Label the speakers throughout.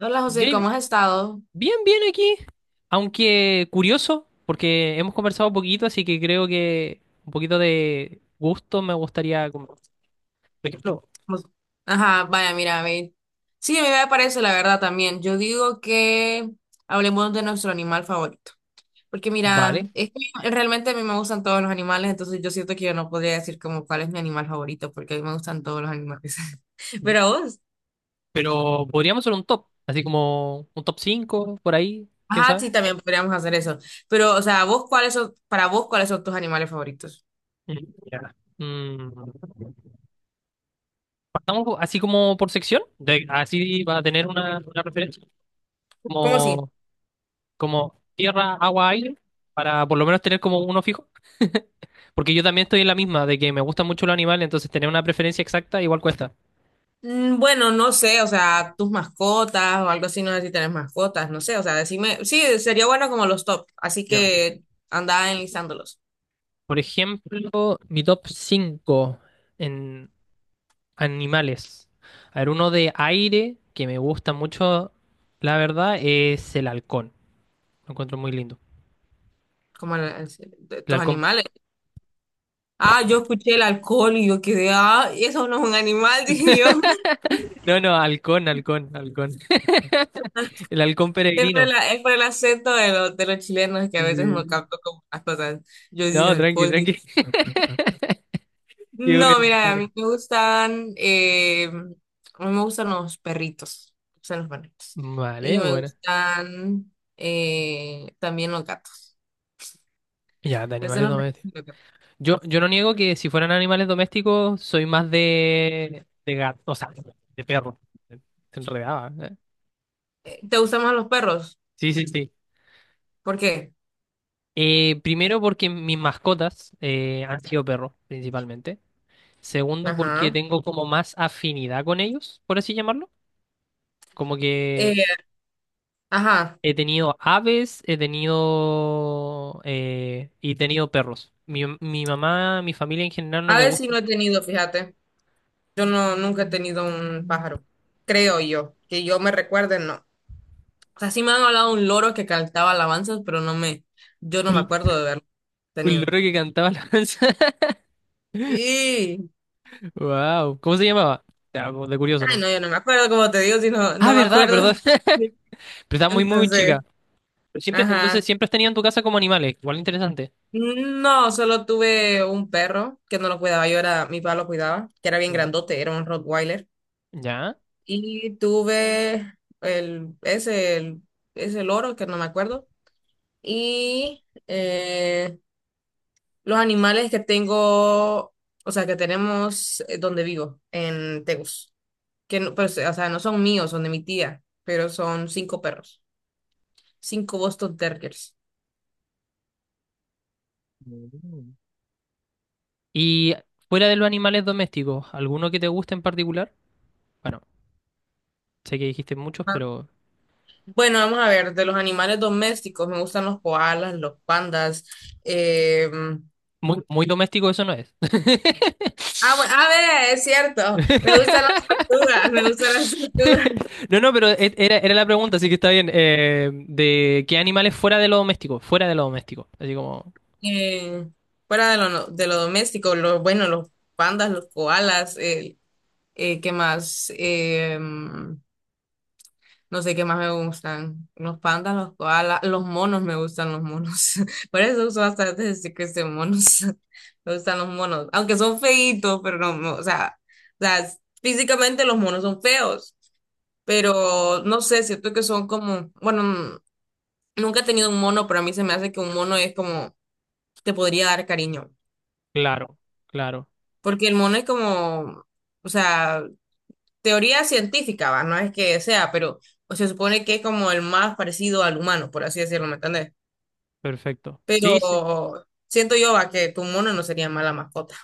Speaker 1: Hola José, ¿cómo
Speaker 2: Jay,
Speaker 1: has estado?
Speaker 2: bien, bien aquí, aunque curioso, porque hemos conversado un poquito, así que creo que un poquito de gusto me gustaría, como, por ejemplo,
Speaker 1: Pues- Ajá, vaya, mira, a mí. Sí, a mí me parece la verdad también. Yo digo que hablemos de nuestro animal favorito. Porque
Speaker 2: vale,
Speaker 1: mira, es que realmente a mí me gustan todos los animales, entonces yo siento que yo no podría decir como cuál es mi animal favorito, porque a mí me gustan todos los animales.
Speaker 2: y-
Speaker 1: Pero a vos.
Speaker 2: pero podríamos hacer un top, así como un top 5 por ahí, quién
Speaker 1: Ajá,
Speaker 2: sabe.
Speaker 1: sí, también podríamos hacer eso. Pero, o sea, vos, ¿Para vos, cuáles son tus animales favoritos?
Speaker 2: Mm, ya. Así como por sección, así va a tener una referencia,
Speaker 1: ¿Cómo así?
Speaker 2: como, como tierra, agua, aire, para por lo menos tener como uno fijo. Porque yo también estoy en la misma, de que me gustan mucho los animales, entonces tener una preferencia exacta igual cuesta.
Speaker 1: Bueno, no sé, o sea, tus mascotas o algo así, no sé si tenés mascotas, no sé, o sea, decime, sí, sería bueno como los top, así
Speaker 2: Ya.
Speaker 1: que anda enlistándolos,
Speaker 2: Por ejemplo, mi top 5 en animales. A ver, uno de aire que me gusta mucho, la verdad, es el halcón. Lo encuentro muy lindo.
Speaker 1: como de
Speaker 2: El
Speaker 1: tus
Speaker 2: halcón.
Speaker 1: animales. Ah, yo escuché el alcohol y yo quedé, ah, y eso no es un animal, dije yo.
Speaker 2: No, no, halcón, halcón, halcón. El halcón
Speaker 1: Es por,
Speaker 2: peregrino.
Speaker 1: la- es por el acento de los chilenos que a veces no
Speaker 2: Sí.
Speaker 1: capto como las cosas. Yo dije
Speaker 2: No, tranqui,
Speaker 1: alcohol.
Speaker 2: tranqui. Qué bueno,
Speaker 1: No,
Speaker 2: qué
Speaker 1: mira, a
Speaker 2: bueno.
Speaker 1: mí me gustan, a mí me gustan los perritos, me gustan los perritos. Y
Speaker 2: Vale,
Speaker 1: me
Speaker 2: bueno.
Speaker 1: gustan también los gatos.
Speaker 2: Ya, de
Speaker 1: Me gustan
Speaker 2: animales
Speaker 1: los perritos
Speaker 2: domésticos.
Speaker 1: y los gatos.
Speaker 2: Yo no niego que si fueran animales domésticos, soy más de gato, o sea, de perro. Se enredaba, ¿eh?
Speaker 1: ¿Te gustan más los perros?
Speaker 2: Sí, sí, sí.
Speaker 1: ¿Por qué?
Speaker 2: Primero porque mis mascotas han sido perros, principalmente. Segundo porque
Speaker 1: Ajá.
Speaker 2: tengo como más afinidad con ellos, por así llamarlo. Como que
Speaker 1: Eh, ajá.
Speaker 2: he tenido aves, he tenido... y he tenido perros. Mi mamá, mi familia en general no
Speaker 1: A
Speaker 2: le
Speaker 1: ver, si
Speaker 2: gusta.
Speaker 1: no he tenido, fíjate. Yo no, nunca he tenido un pájaro. Creo yo. Que yo me recuerde, no. O sea, sí me han hablado de un loro que cantaba alabanzas, pero no me, yo no me
Speaker 2: Un,
Speaker 1: acuerdo de haberlo
Speaker 2: un
Speaker 1: tenido.
Speaker 2: loro que cantaba la alabanza.
Speaker 1: Sí.
Speaker 2: Wow. ¿Cómo se llamaba? Ya, como de curioso,
Speaker 1: Ay,
Speaker 2: ¿no?
Speaker 1: no, yo no me acuerdo, como te digo, si no,
Speaker 2: Ah,
Speaker 1: no me
Speaker 2: verdad,
Speaker 1: acuerdo.
Speaker 2: verdad. Pero estaba muy, muy, muy
Speaker 1: Entonces,
Speaker 2: chica. Pero siempre, entonces
Speaker 1: ajá.
Speaker 2: siempre has tenido en tu casa como animales. Igual interesante.
Speaker 1: No, solo tuve un perro que no lo cuidaba, yo era, mi papá lo cuidaba, que era bien
Speaker 2: Mm.
Speaker 1: grandote, era un Rottweiler.
Speaker 2: ¿Ya?
Speaker 1: Y tuve el, ese, el, ese loro, que no me acuerdo. Y los animales que tengo, o sea, que tenemos donde vivo, en Tegus. Que no, pues, o sea, no son míos, son de mi tía, pero son cinco perros, cinco Boston Terriers.
Speaker 2: Mm. Y fuera de los animales domésticos, ¿alguno que te guste en particular? Bueno, sé que dijiste muchos,
Speaker 1: Ah,
Speaker 2: pero
Speaker 1: bueno, vamos a ver, de los animales domésticos me gustan los koalas, los pandas. eh,
Speaker 2: muy, muy doméstico eso no es.
Speaker 1: ah, bueno, a ver, es cierto, me gustan las tortugas, me gustan las tortugas.
Speaker 2: No, no, pero era, era la pregunta, así que está bien. ¿De qué animales fuera de lo doméstico? Fuera de lo doméstico. Así como,
Speaker 1: Eh, Fuera de lo doméstico, los, bueno, los pandas, los koalas, ¿qué más? No sé qué más me gustan. Los pandas, los koalas, los monos, me gustan los monos. Por eso uso bastante decir que son monos. Me gustan los monos. Aunque son feitos, pero no, no, o sea, físicamente los monos son feos. Pero no sé, siento que son como, bueno, nunca he tenido un mono, pero a mí se me hace que un mono es como, te podría dar cariño.
Speaker 2: claro, claro,
Speaker 1: Porque el mono es como, o sea, teoría científica, ¿va? No es que sea, pero o se supone que es como el más parecido al humano, por así decirlo, ¿me entendés?
Speaker 2: perfecto.
Speaker 1: Pero
Speaker 2: Sí, sí.
Speaker 1: siento yo a que tu mono no sería mala mascota.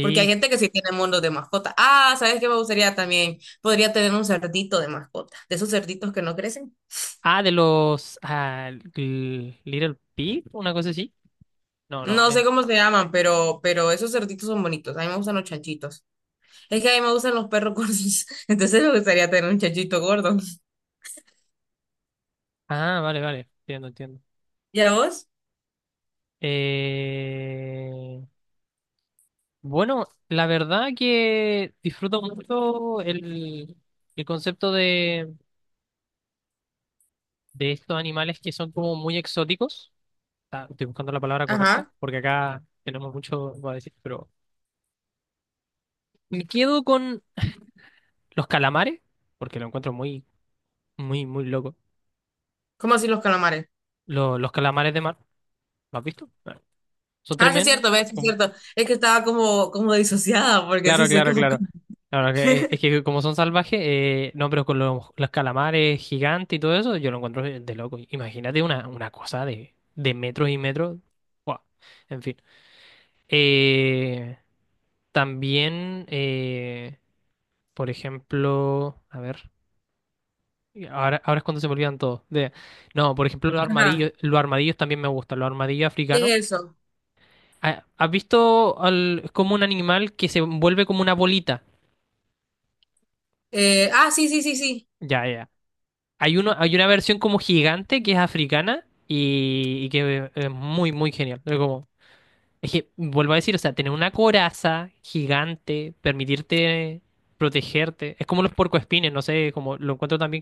Speaker 1: Porque hay gente que sí tiene monos de mascota. Ah, ¿sabes qué me gustaría también? Podría tener un cerdito de mascota. De esos cerditos que no crecen.
Speaker 2: Ah, de los ah, Little Pig, una cosa así. No, no.
Speaker 1: No
Speaker 2: Eh.
Speaker 1: sé cómo se llaman, pero esos cerditos son bonitos. A mí me gustan los chanchitos. Es que a mí me gustan los perros gordos. Entonces me gustaría tener un chanchito gordo.
Speaker 2: Ah, vale, vale. Entiendo, entiendo.
Speaker 1: ¿Y a vos?
Speaker 2: Eh, Bueno, la verdad que disfruto mucho el concepto de estos animales que son como muy exóticos. Ah, estoy buscando la palabra correcta,
Speaker 1: Ajá.
Speaker 2: porque acá tenemos mucho para decir, pero me quedo con los calamares, porque lo encuentro muy, muy, muy loco.
Speaker 1: ¿Cómo así los calamares?
Speaker 2: Los calamares de mar, ¿lo has visto? Son
Speaker 1: Ah, sí es
Speaker 2: tremendos.
Speaker 1: cierto, ves, sí es
Speaker 2: Como-
Speaker 1: cierto. Es que estaba como disociada, porque sí
Speaker 2: claro,
Speaker 1: sé que.
Speaker 2: claro, claro. Claro, es que como son salvajes, no, pero con los calamares gigantes y todo eso, yo lo encuentro de, loco. Imagínate una cosa de metros y metros. Guau. En fin. Eh, también, por ejemplo, a ver, ahora, ahora es cuando se me olvidan todos. No, por ejemplo,
Speaker 1: Ajá.
Speaker 2: los armadillos también me gustan, los armadillos africanos.
Speaker 1: ¿Qué es eso?
Speaker 2: Ah, ¿has visto como un animal que se vuelve como una bolita?
Speaker 1: Ah, sí, sí, sí, sí.
Speaker 2: Ya, ya. Hay uno, hay una versión como gigante que es africana y que es muy, muy genial. Pero como, es que, vuelvo a decir, o sea, tener una coraza gigante, permitirte protegerte, es como los puercoespines, no sé, como lo encuentro también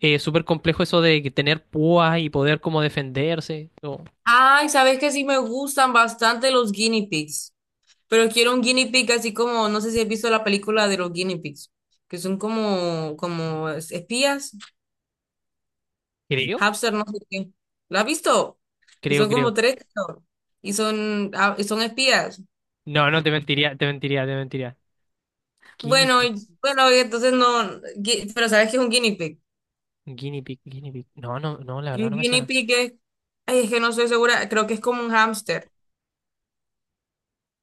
Speaker 2: súper complejo eso de que tener púas y poder como defenderse. No,
Speaker 1: Ay, sabes que sí me gustan bastante los guinea pigs, pero quiero un guinea pig así como, no sé si has visto la película de los guinea pigs, que son como espías,
Speaker 2: creo,
Speaker 1: hamster, no sé qué. ¿La has visto? Que
Speaker 2: creo,
Speaker 1: son como
Speaker 2: creo.
Speaker 1: tres creo, y son espías.
Speaker 2: No, no, te mentiría, te mentiría, te mentiría. Guinea
Speaker 1: Bueno,
Speaker 2: pigs,
Speaker 1: bueno, y entonces no, pero sabes que es un guinea pig.
Speaker 2: guinea pig, guinea pig. No, no, no, la verdad
Speaker 1: Un
Speaker 2: no me
Speaker 1: guinea
Speaker 2: suena.
Speaker 1: pig es, ay, es que no estoy segura, creo que es como un hamster,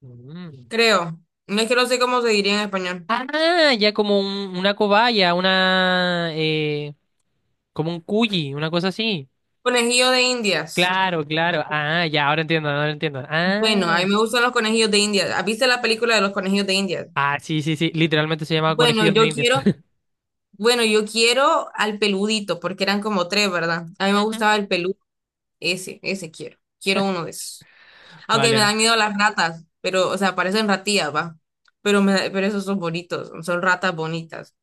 Speaker 2: Mm.
Speaker 1: creo. No, es que no sé cómo se diría en español.
Speaker 2: Ah, ya como una cobaya, una, como un cuyi, una cosa así.
Speaker 1: Conejillo de Indias.
Speaker 2: Claro, claro. Ah, ya, ahora entiendo, ahora entiendo.
Speaker 1: Bueno, a mí
Speaker 2: Ah,
Speaker 1: me gustan los conejillos de India. ¿Has visto la película de los conejillos de India?
Speaker 2: ah, sí, sí, sí. Literalmente se llama
Speaker 1: Bueno,
Speaker 2: conejillo de
Speaker 1: yo
Speaker 2: India.
Speaker 1: quiero, bueno, yo quiero al peludito, porque eran como tres, ¿verdad? A mí me
Speaker 2: Ujú.
Speaker 1: gustaba el peludo, ese quiero. Quiero uno de esos. Aunque
Speaker 2: Vale,
Speaker 1: me dan
Speaker 2: vale,
Speaker 1: miedo las ratas, pero, o sea, parecen ratillas, va. Pero esos son bonitos, son ratas bonitas.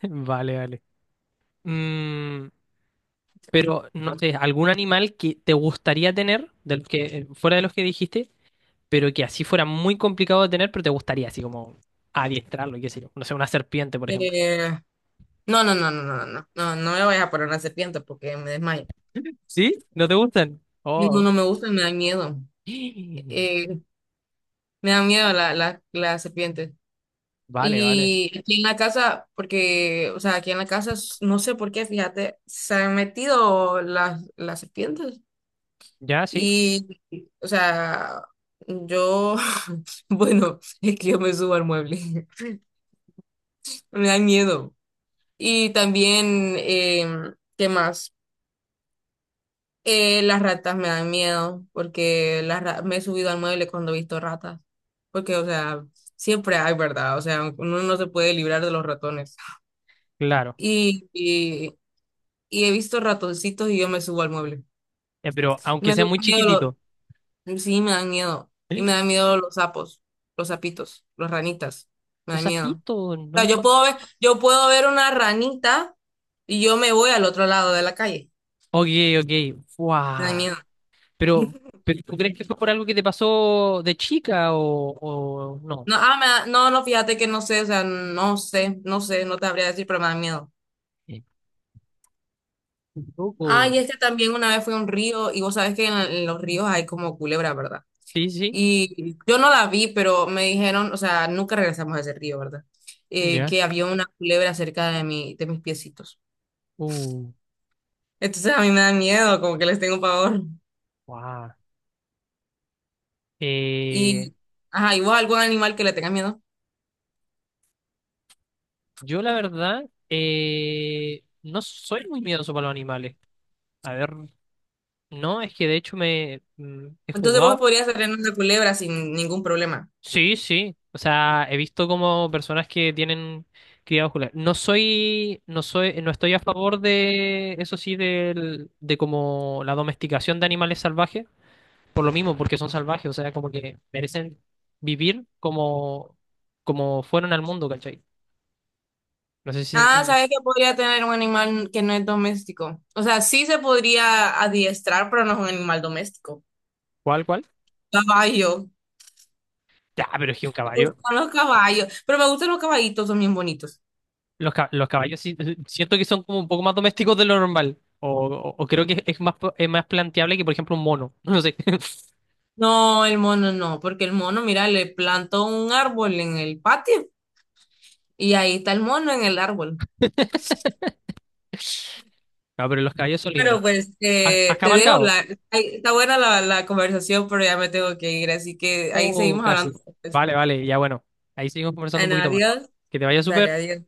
Speaker 2: vale, vale. Mm, pero, no sé, ¿algún animal que te gustaría tener, de los que, fuera de los que dijiste, pero que así fuera muy complicado de tener, pero te gustaría así como adiestrarlo, qué sé yo? No sé, una serpiente, por ejemplo.
Speaker 1: Eh, no, no, no, no, no, no, no, no, no me vayas a poner una serpiente porque me desmayo.
Speaker 2: ¿Sí? ¿No te gustan?
Speaker 1: No,
Speaker 2: Oh.
Speaker 1: no me gustan, me dan miedo. Eh, Me dan miedo las serpientes.
Speaker 2: Vale, vale.
Speaker 1: Y aquí en la casa, porque, o sea, aquí en la casa, no sé por qué, fíjate, se han metido las serpientes.
Speaker 2: Ya, sí,
Speaker 1: Y, o sea, yo, bueno, es que yo me subo al mueble, me dan miedo. Y también, ¿qué más? Las ratas me dan miedo, porque me he subido al mueble cuando he visto ratas. Porque, o sea, siempre hay, ¿verdad? O sea, uno no se puede librar de los ratones.
Speaker 2: claro.
Speaker 1: Y, y he visto ratoncitos y yo me subo al mueble.
Speaker 2: Pero aunque
Speaker 1: Me
Speaker 2: sea
Speaker 1: da
Speaker 2: muy
Speaker 1: miedo
Speaker 2: chiquitito.
Speaker 1: los, sí, me dan miedo. Y
Speaker 2: ¡Eh!
Speaker 1: me dan miedo los sapos, los sapitos, los ranitas. Me
Speaker 2: Los
Speaker 1: dan miedo.
Speaker 2: zapitos,
Speaker 1: O sea,
Speaker 2: no.
Speaker 1: yo puedo ver una ranita y yo me voy al otro lado de la calle.
Speaker 2: Ok, ok.
Speaker 1: Me da
Speaker 2: Fuá.
Speaker 1: miedo.
Speaker 2: Pero, pero ¿tú crees que fue por algo que te pasó de chica o no?
Speaker 1: No, ah, no, no, fíjate que no sé, o sea, no sé, no sé, no te habría decir, pero me dan miedo.
Speaker 2: Eh, un
Speaker 1: Ah,
Speaker 2: poco.
Speaker 1: y es que también una vez fui a un río y vos sabés que en los ríos hay como culebra, ¿verdad?
Speaker 2: Sí, sí.
Speaker 1: Y yo no la vi, pero me dijeron, o sea, nunca regresamos a ese río, ¿verdad?
Speaker 2: Ya.
Speaker 1: Que había una culebra cerca de mis piecitos.
Speaker 2: Uh,
Speaker 1: Entonces a mí me da miedo, como que les tengo pavor.
Speaker 2: guau. Eh,
Speaker 1: Y, ajá, ¿y vos algún animal que le tengas miedo?
Speaker 2: yo la verdad, no soy muy miedoso para los animales. A ver, no, es que de hecho me he
Speaker 1: Entonces vos
Speaker 2: jugado.
Speaker 1: podrías tener una culebra sin ningún problema.
Speaker 2: Sí, sí. O sea, he visto como personas que tienen cría vascular. No soy, no estoy a favor de, eso sí, del, de como la domesticación de animales salvajes, por lo mismo, porque son salvajes, o sea, como que merecen vivir como, como fueron al mundo, ¿cachai? No sé si se
Speaker 1: Ah,
Speaker 2: entiende.
Speaker 1: ¿sabes que podría tener un animal que no es doméstico? O sea, sí se podría adiestrar, pero no es un animal doméstico.
Speaker 2: ¿Cuál, cuál?
Speaker 1: Caballo.
Speaker 2: Ya, pero es que un
Speaker 1: Me
Speaker 2: caballo.
Speaker 1: gustan los caballos, pero me gustan los caballitos, son bien bonitos.
Speaker 2: Los, los caballos sí, siento que son como un poco más domésticos de lo normal. O, o creo que es más, es más planteable que, por ejemplo, un mono. No sé.
Speaker 1: No, el mono no, porque el mono, mira, le plantó un árbol en el patio y ahí está el mono en el árbol.
Speaker 2: No, pero los caballos son lindos.
Speaker 1: Pero pues
Speaker 2: ¿Has, has
Speaker 1: te dejo,
Speaker 2: cabalgado?
Speaker 1: ahí está buena la conversación, pero ya me tengo que ir, así que ahí
Speaker 2: Oh,
Speaker 1: seguimos
Speaker 2: casi.
Speaker 1: hablando. Después.
Speaker 2: Vale, vale, ya bueno. Ahí seguimos conversando un
Speaker 1: Bueno,
Speaker 2: poquito más.
Speaker 1: adiós,
Speaker 2: Que te vaya
Speaker 1: dale,
Speaker 2: súper.
Speaker 1: adiós.